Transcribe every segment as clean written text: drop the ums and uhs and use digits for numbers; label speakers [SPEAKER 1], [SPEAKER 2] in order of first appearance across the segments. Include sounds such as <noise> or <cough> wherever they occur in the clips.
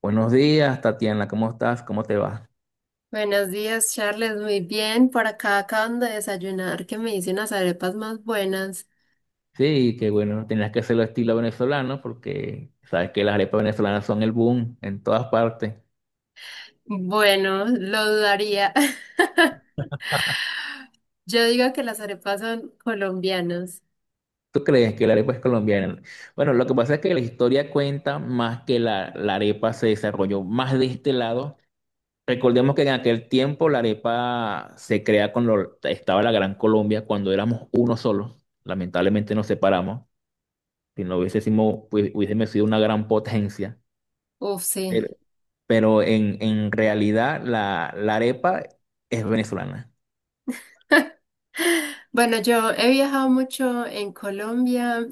[SPEAKER 1] Buenos días, Tatiana, ¿cómo estás? ¿Cómo te va?
[SPEAKER 2] Buenos días, Charles. Muy bien. Por acá acaban de desayunar, que me hice unas arepas más buenas.
[SPEAKER 1] Sí, que bueno, tenías que hacerlo estilo venezolano porque sabes que las arepas venezolanas son el boom en todas partes.
[SPEAKER 2] Bueno, lo dudaría. <laughs> Yo digo que las arepas son colombianas.
[SPEAKER 1] ¿Tú crees que la arepa es colombiana? Bueno, lo que pasa es que la historia cuenta más que la arepa se desarrolló más de este lado. Recordemos que en aquel tiempo la arepa se crea cuando estaba la Gran Colombia, cuando éramos uno solo. Lamentablemente nos separamos. Si no hubiésemos, pues, hubiésemos sido una gran potencia.
[SPEAKER 2] Uf, sí.
[SPEAKER 1] Pero en realidad la arepa es venezolana.
[SPEAKER 2] <laughs> Bueno, yo he viajado mucho en Colombia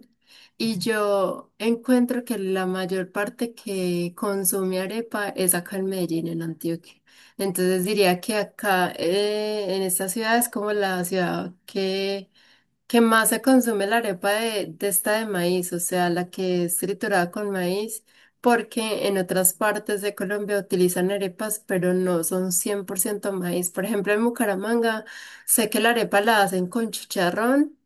[SPEAKER 2] y yo encuentro que la mayor parte que consume arepa es acá en Medellín, en Antioquia. Entonces diría que acá, en esta ciudad, es como la ciudad que ¿qué más se consume la arepa de esta de maíz? O sea, la que es triturada con maíz, porque en otras partes de Colombia utilizan arepas, pero no son 100% maíz. Por ejemplo, en Bucaramanga sé que la arepa la hacen con chicharrón.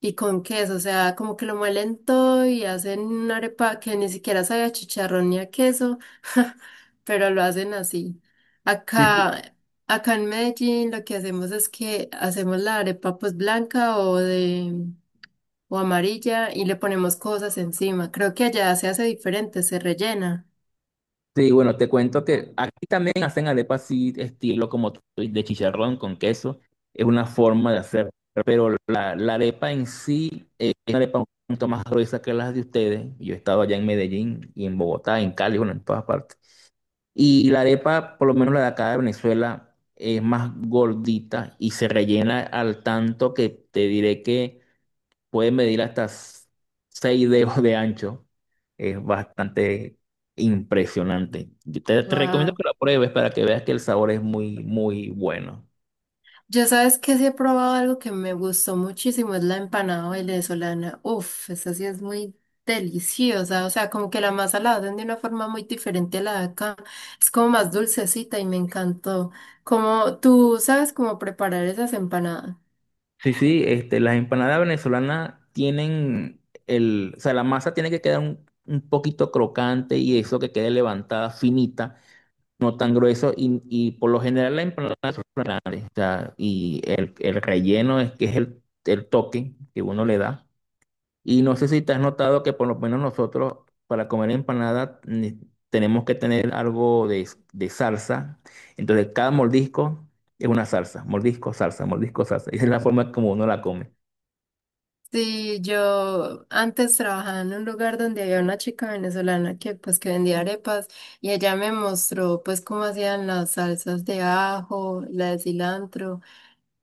[SPEAKER 2] Y con queso, o sea, como que lo muelen todo y hacen una arepa que ni siquiera sabe a chicharrón ni a queso, <laughs> pero lo hacen así.
[SPEAKER 1] Sí, sí.
[SPEAKER 2] Acá, acá, en Medellín lo que hacemos es que hacemos la arepa pues blanca o de o amarilla y le ponemos cosas encima. Creo que allá se hace diferente, se rellena.
[SPEAKER 1] Sí, bueno, te cuento que aquí también hacen arepas así, estilo como tú, dices, de chicharrón con queso. Es una forma de hacer, pero la arepa en sí es una arepa un poquito más gruesa que las de ustedes. Yo he estado allá en Medellín y en Bogotá, en Cali, bueno, en todas partes. Y la arepa, por lo menos la de acá de Venezuela, es más gordita y se rellena al tanto que te diré que puede medir hasta 6 dedos de ancho. Es bastante impresionante. Yo te recomiendo que lo pruebes para que veas que el sabor es muy, muy bueno.
[SPEAKER 2] Yo sabes que sí he probado algo que me gustó muchísimo, es la empanada venezolana. Uf, esa sí es muy deliciosa, o sea, como que la masa la hacen de una forma muy diferente a la de acá, es como más dulcecita y me encantó. Como tú sabes cómo preparar esas empanadas.
[SPEAKER 1] Sí, sí, este, las empanadas venezolanas tienen el, o sea, la masa tiene que quedar un poquito crocante y eso que quede levantada, finita, no tan grueso y por lo general la empanada, o sea, y el relleno es que es el toque que uno le da. Y no sé si te has notado que por lo menos nosotros para comer tenemos que tener algo de salsa. Entonces cada mordisco es una salsa, mordisco, salsa, mordisco, salsa. Esa es la forma como uno la come.
[SPEAKER 2] Sí, yo antes trabajaba en un lugar donde había una chica venezolana que pues que vendía arepas y ella me mostró pues cómo hacían las salsas de ajo, la de cilantro.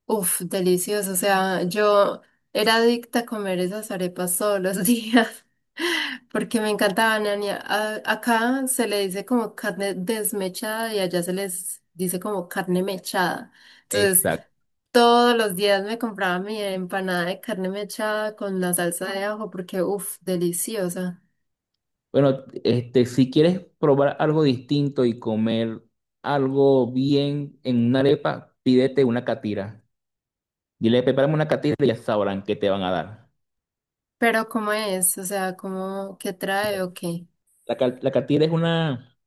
[SPEAKER 2] Uf, delicioso. O sea, yo era adicta a comer esas arepas todos los días <laughs> porque me encantaban. Acá se le dice como carne desmechada y allá se les dice como carne mechada. Entonces,
[SPEAKER 1] Exacto.
[SPEAKER 2] todos los días me compraba mi empanada de carne mechada con la salsa de ajo porque, uff, deliciosa.
[SPEAKER 1] Bueno, este, si quieres probar algo distinto y comer algo bien en una arepa, pídete una catira. Dile, prepárame una catira y ya sabrán qué te van a dar.
[SPEAKER 2] Pero ¿cómo es? O sea, ¿cómo, qué trae o qué?
[SPEAKER 1] La catira es una...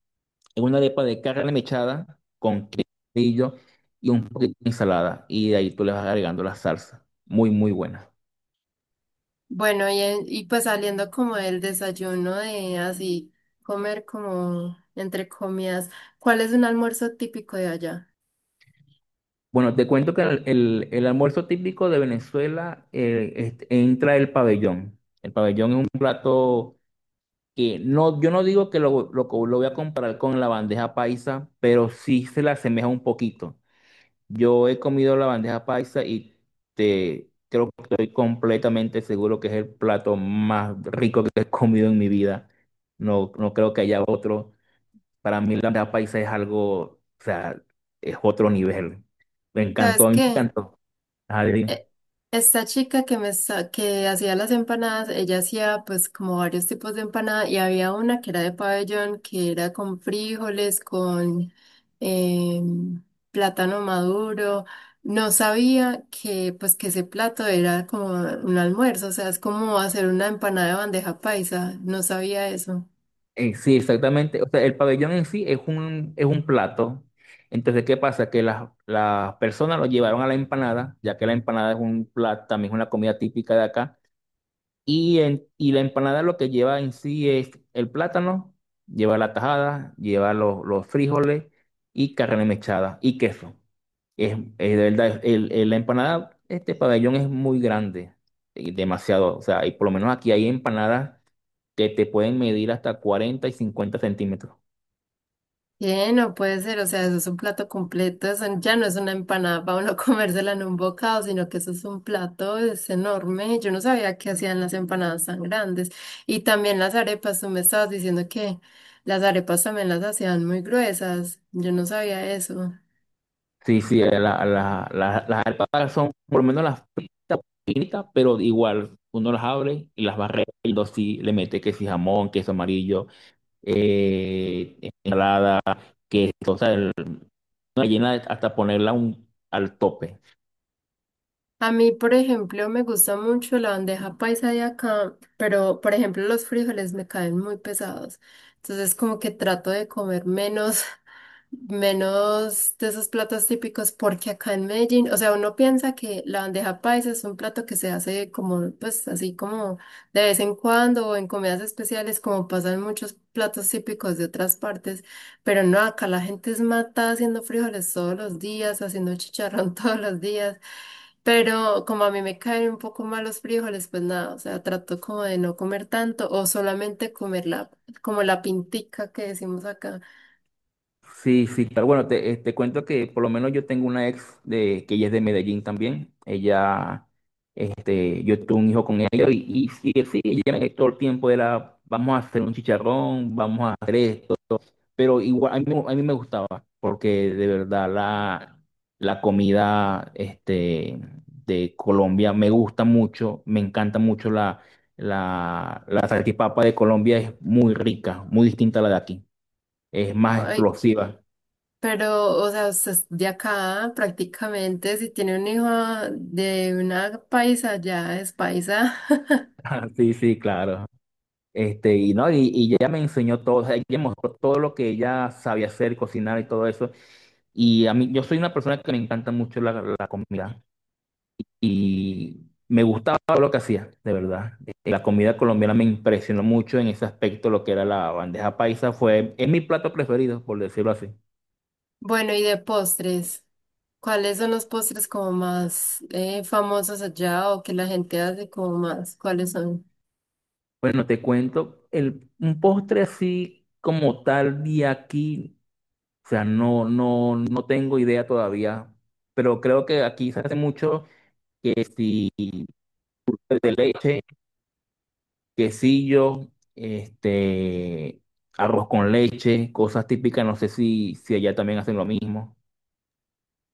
[SPEAKER 1] en una arepa de carne mechada con quesillo y un poquito de ensalada. Y de ahí tú le vas agregando la salsa. Muy, muy buena.
[SPEAKER 2] Bueno, y pues saliendo como del desayuno de así, comer como entre comidas, ¿cuál es un almuerzo típico de allá?
[SPEAKER 1] Bueno, te cuento que el almuerzo típico de Venezuela este, entra el pabellón. El pabellón es un plato que no, yo no digo que lo voy a comparar con la bandeja paisa, pero sí se le asemeja un poquito. Yo he comido la bandeja paisa y te creo que estoy completamente seguro que es el plato más rico que he comido en mi vida. No, no creo que haya otro. Para mí la bandeja paisa es algo, o sea, es otro nivel. Me encantó,
[SPEAKER 2] ¿Sabes
[SPEAKER 1] a mí me
[SPEAKER 2] qué?
[SPEAKER 1] encantó. Ajá, dime.
[SPEAKER 2] eh, Esta chica que hacía las empanadas, ella hacía pues como varios tipos de empanada y había una que era de pabellón, que era con frijoles, con em, plátano maduro. No sabía que pues que ese plato era como un almuerzo, o sea, es como hacer una empanada de bandeja paisa, no sabía eso.
[SPEAKER 1] Sí, exactamente. O sea, el pabellón en sí es un plato. Entonces, ¿qué pasa? Que las personas lo llevaron a la empanada, ya que la empanada es un plato, también es una comida típica de acá. Y, y la empanada lo que lleva en sí es el plátano, lleva la tajada, lleva los frijoles y carne mechada y queso. Es de verdad, la empanada, este pabellón es muy grande, y demasiado. O sea, y por lo menos aquí hay empanadas que te pueden medir hasta 40 y 50 cm.
[SPEAKER 2] ¿Qué? No puede ser, o sea, eso es un plato completo, eso ya no es una empanada para uno <laughs> comérsela en un bocado, sino que eso es un plato, es enorme. Yo no sabía que hacían las empanadas tan grandes. Y también las arepas, tú me estabas diciendo que las arepas también las hacían muy gruesas. Yo no sabía eso.
[SPEAKER 1] Sí, sí, las alpacas son por lo menos las fritas, finitas, pero igual uno las abre y las barre y lo sí le mete que si jamón, queso amarillo, eh, ensalada, queso, o sea, el- una gallina hasta ponerla un- al tope.
[SPEAKER 2] A mí, por ejemplo, me gusta mucho la bandeja paisa de acá, pero, por ejemplo, los frijoles me caen muy pesados. Entonces, como que trato de comer menos. <laughs> Menos de esos platos típicos, porque acá en Medellín, o sea, uno piensa que la bandeja paisa es un plato que se hace como, pues así como de vez en cuando o en comidas especiales, como pasan muchos platos típicos de otras partes, pero no, acá la gente es matada haciendo frijoles todos los días, haciendo chicharrón <laughs> todos los días. Pero como a mí me caen un poco mal los frijoles, pues nada, o sea, trato como de no comer tanto o solamente comer la, como la pintica que decimos acá.
[SPEAKER 1] Sí, sí, claro. Bueno, te, te cuento que por lo menos yo tengo una ex de, que ella es de Medellín también. Ella, este, yo tuve un hijo con ella y sí, sí, ella me- todo el tiempo era, vamos a hacer un chicharrón, vamos a hacer esto. Pero igual, a mí me gustaba, porque de verdad la comida este, de Colombia me gusta mucho, me encanta mucho la salchipapa de Colombia, es muy rica, muy distinta a la de aquí, es más
[SPEAKER 2] Ay,
[SPEAKER 1] explosiva.
[SPEAKER 2] pero, o sea, usted es de acá prácticamente, si tiene un hijo de una paisa, ya es paisa. <laughs>
[SPEAKER 1] <laughs> Sí, sí, claro. Este, y no, y ella me enseñó todo, o sea, ella me mostró todo lo que ella sabía hacer, cocinar y todo eso. Y a mí, yo soy una persona que me encanta mucho la comida. Y me gustaba lo que hacía, de verdad. La comida colombiana me impresionó mucho en ese aspecto, lo que era la bandeja paisa, fue, es mi plato preferido, por decirlo así.
[SPEAKER 2] Bueno, y de postres, ¿cuáles son los postres como más famosos allá o que la gente hace como más? ¿Cuáles son?
[SPEAKER 1] Bueno, te cuento, el, un postre así como tal de aquí, o sea, no, no, no tengo idea todavía, pero creo que aquí se hace mucho que si de leche, quesillo, este, arroz con leche, cosas típicas, no sé si, si allá también hacen lo mismo.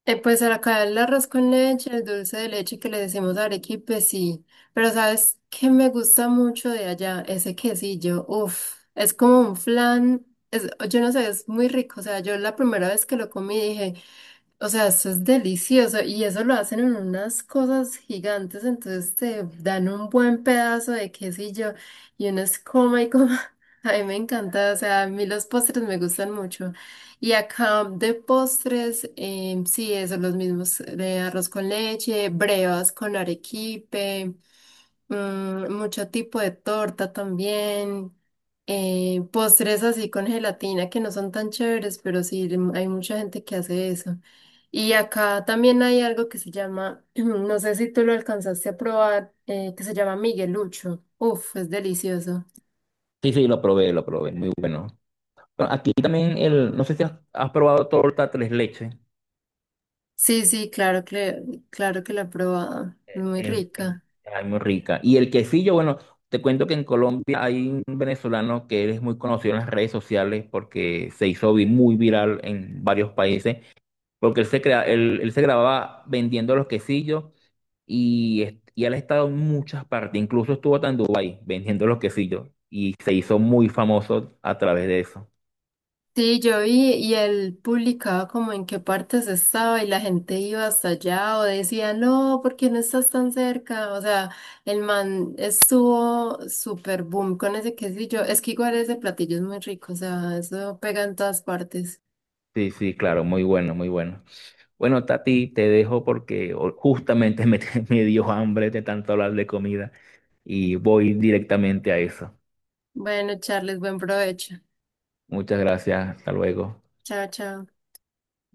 [SPEAKER 2] Pues acá el arroz con leche, el dulce de leche que le decimos arequipe, sí. Pero ¿sabes qué me gusta mucho de allá? Ese quesillo, uff, es como un flan, es, yo no sé, es muy rico. O sea, yo la primera vez que lo comí dije... O sea, eso es delicioso y eso lo hacen en unas cosas gigantes, entonces te dan un buen pedazo de quesillo y uno es coma y coma. <laughs> A mí me encanta, o sea, a mí los postres me gustan mucho. Y acá de postres, sí, eso, los mismos de arroz con leche, brevas con arequipe. Mm, mucho tipo de torta también, postres así con gelatina que no son tan chéveres, pero hay mucha gente que hace eso. Y acá también hay algo que se llama, <clears throat> no sé si tú lo alcanzaste a probar, que se llama Miguelucho. Uf, es delicioso.
[SPEAKER 1] Sí, sí, lo probé, muy bueno. Bueno, aquí también el, no sé si has, has probado torta tres leches,
[SPEAKER 2] Sí, sí, claro que, claro que la he probado. Muy
[SPEAKER 1] el-
[SPEAKER 2] rica.
[SPEAKER 1] ay, muy rica. Y el quesillo, bueno, te cuento que en Colombia hay un venezolano que es muy conocido en las redes sociales porque se hizo muy viral en varios países, porque él se, crea, él se grababa vendiendo los quesillos y, es- y él ha estado en muchas partes, incluso estuvo hasta en Dubái vendiendo los quesillos y se hizo muy famoso a través de eso.
[SPEAKER 2] Sí, yo vi y él publicaba como en qué partes estaba y la gente iba hasta allá o decía, no, ¿por qué no estás tan cerca? O sea, el man estuvo súper boom con ese quesillo. Es que igual ese platillo es muy rico, o sea, eso pega en todas partes.
[SPEAKER 1] Sí, sí, claro, muy bueno, muy bueno. Bueno, Tati, te dejo porque o- justamente me, <laughs> me dio hambre de tanto hablar de comida y voy directamente a eso.
[SPEAKER 2] Bueno, Charles, buen provecho.
[SPEAKER 1] Muchas gracias, hasta luego.
[SPEAKER 2] Chao, chao.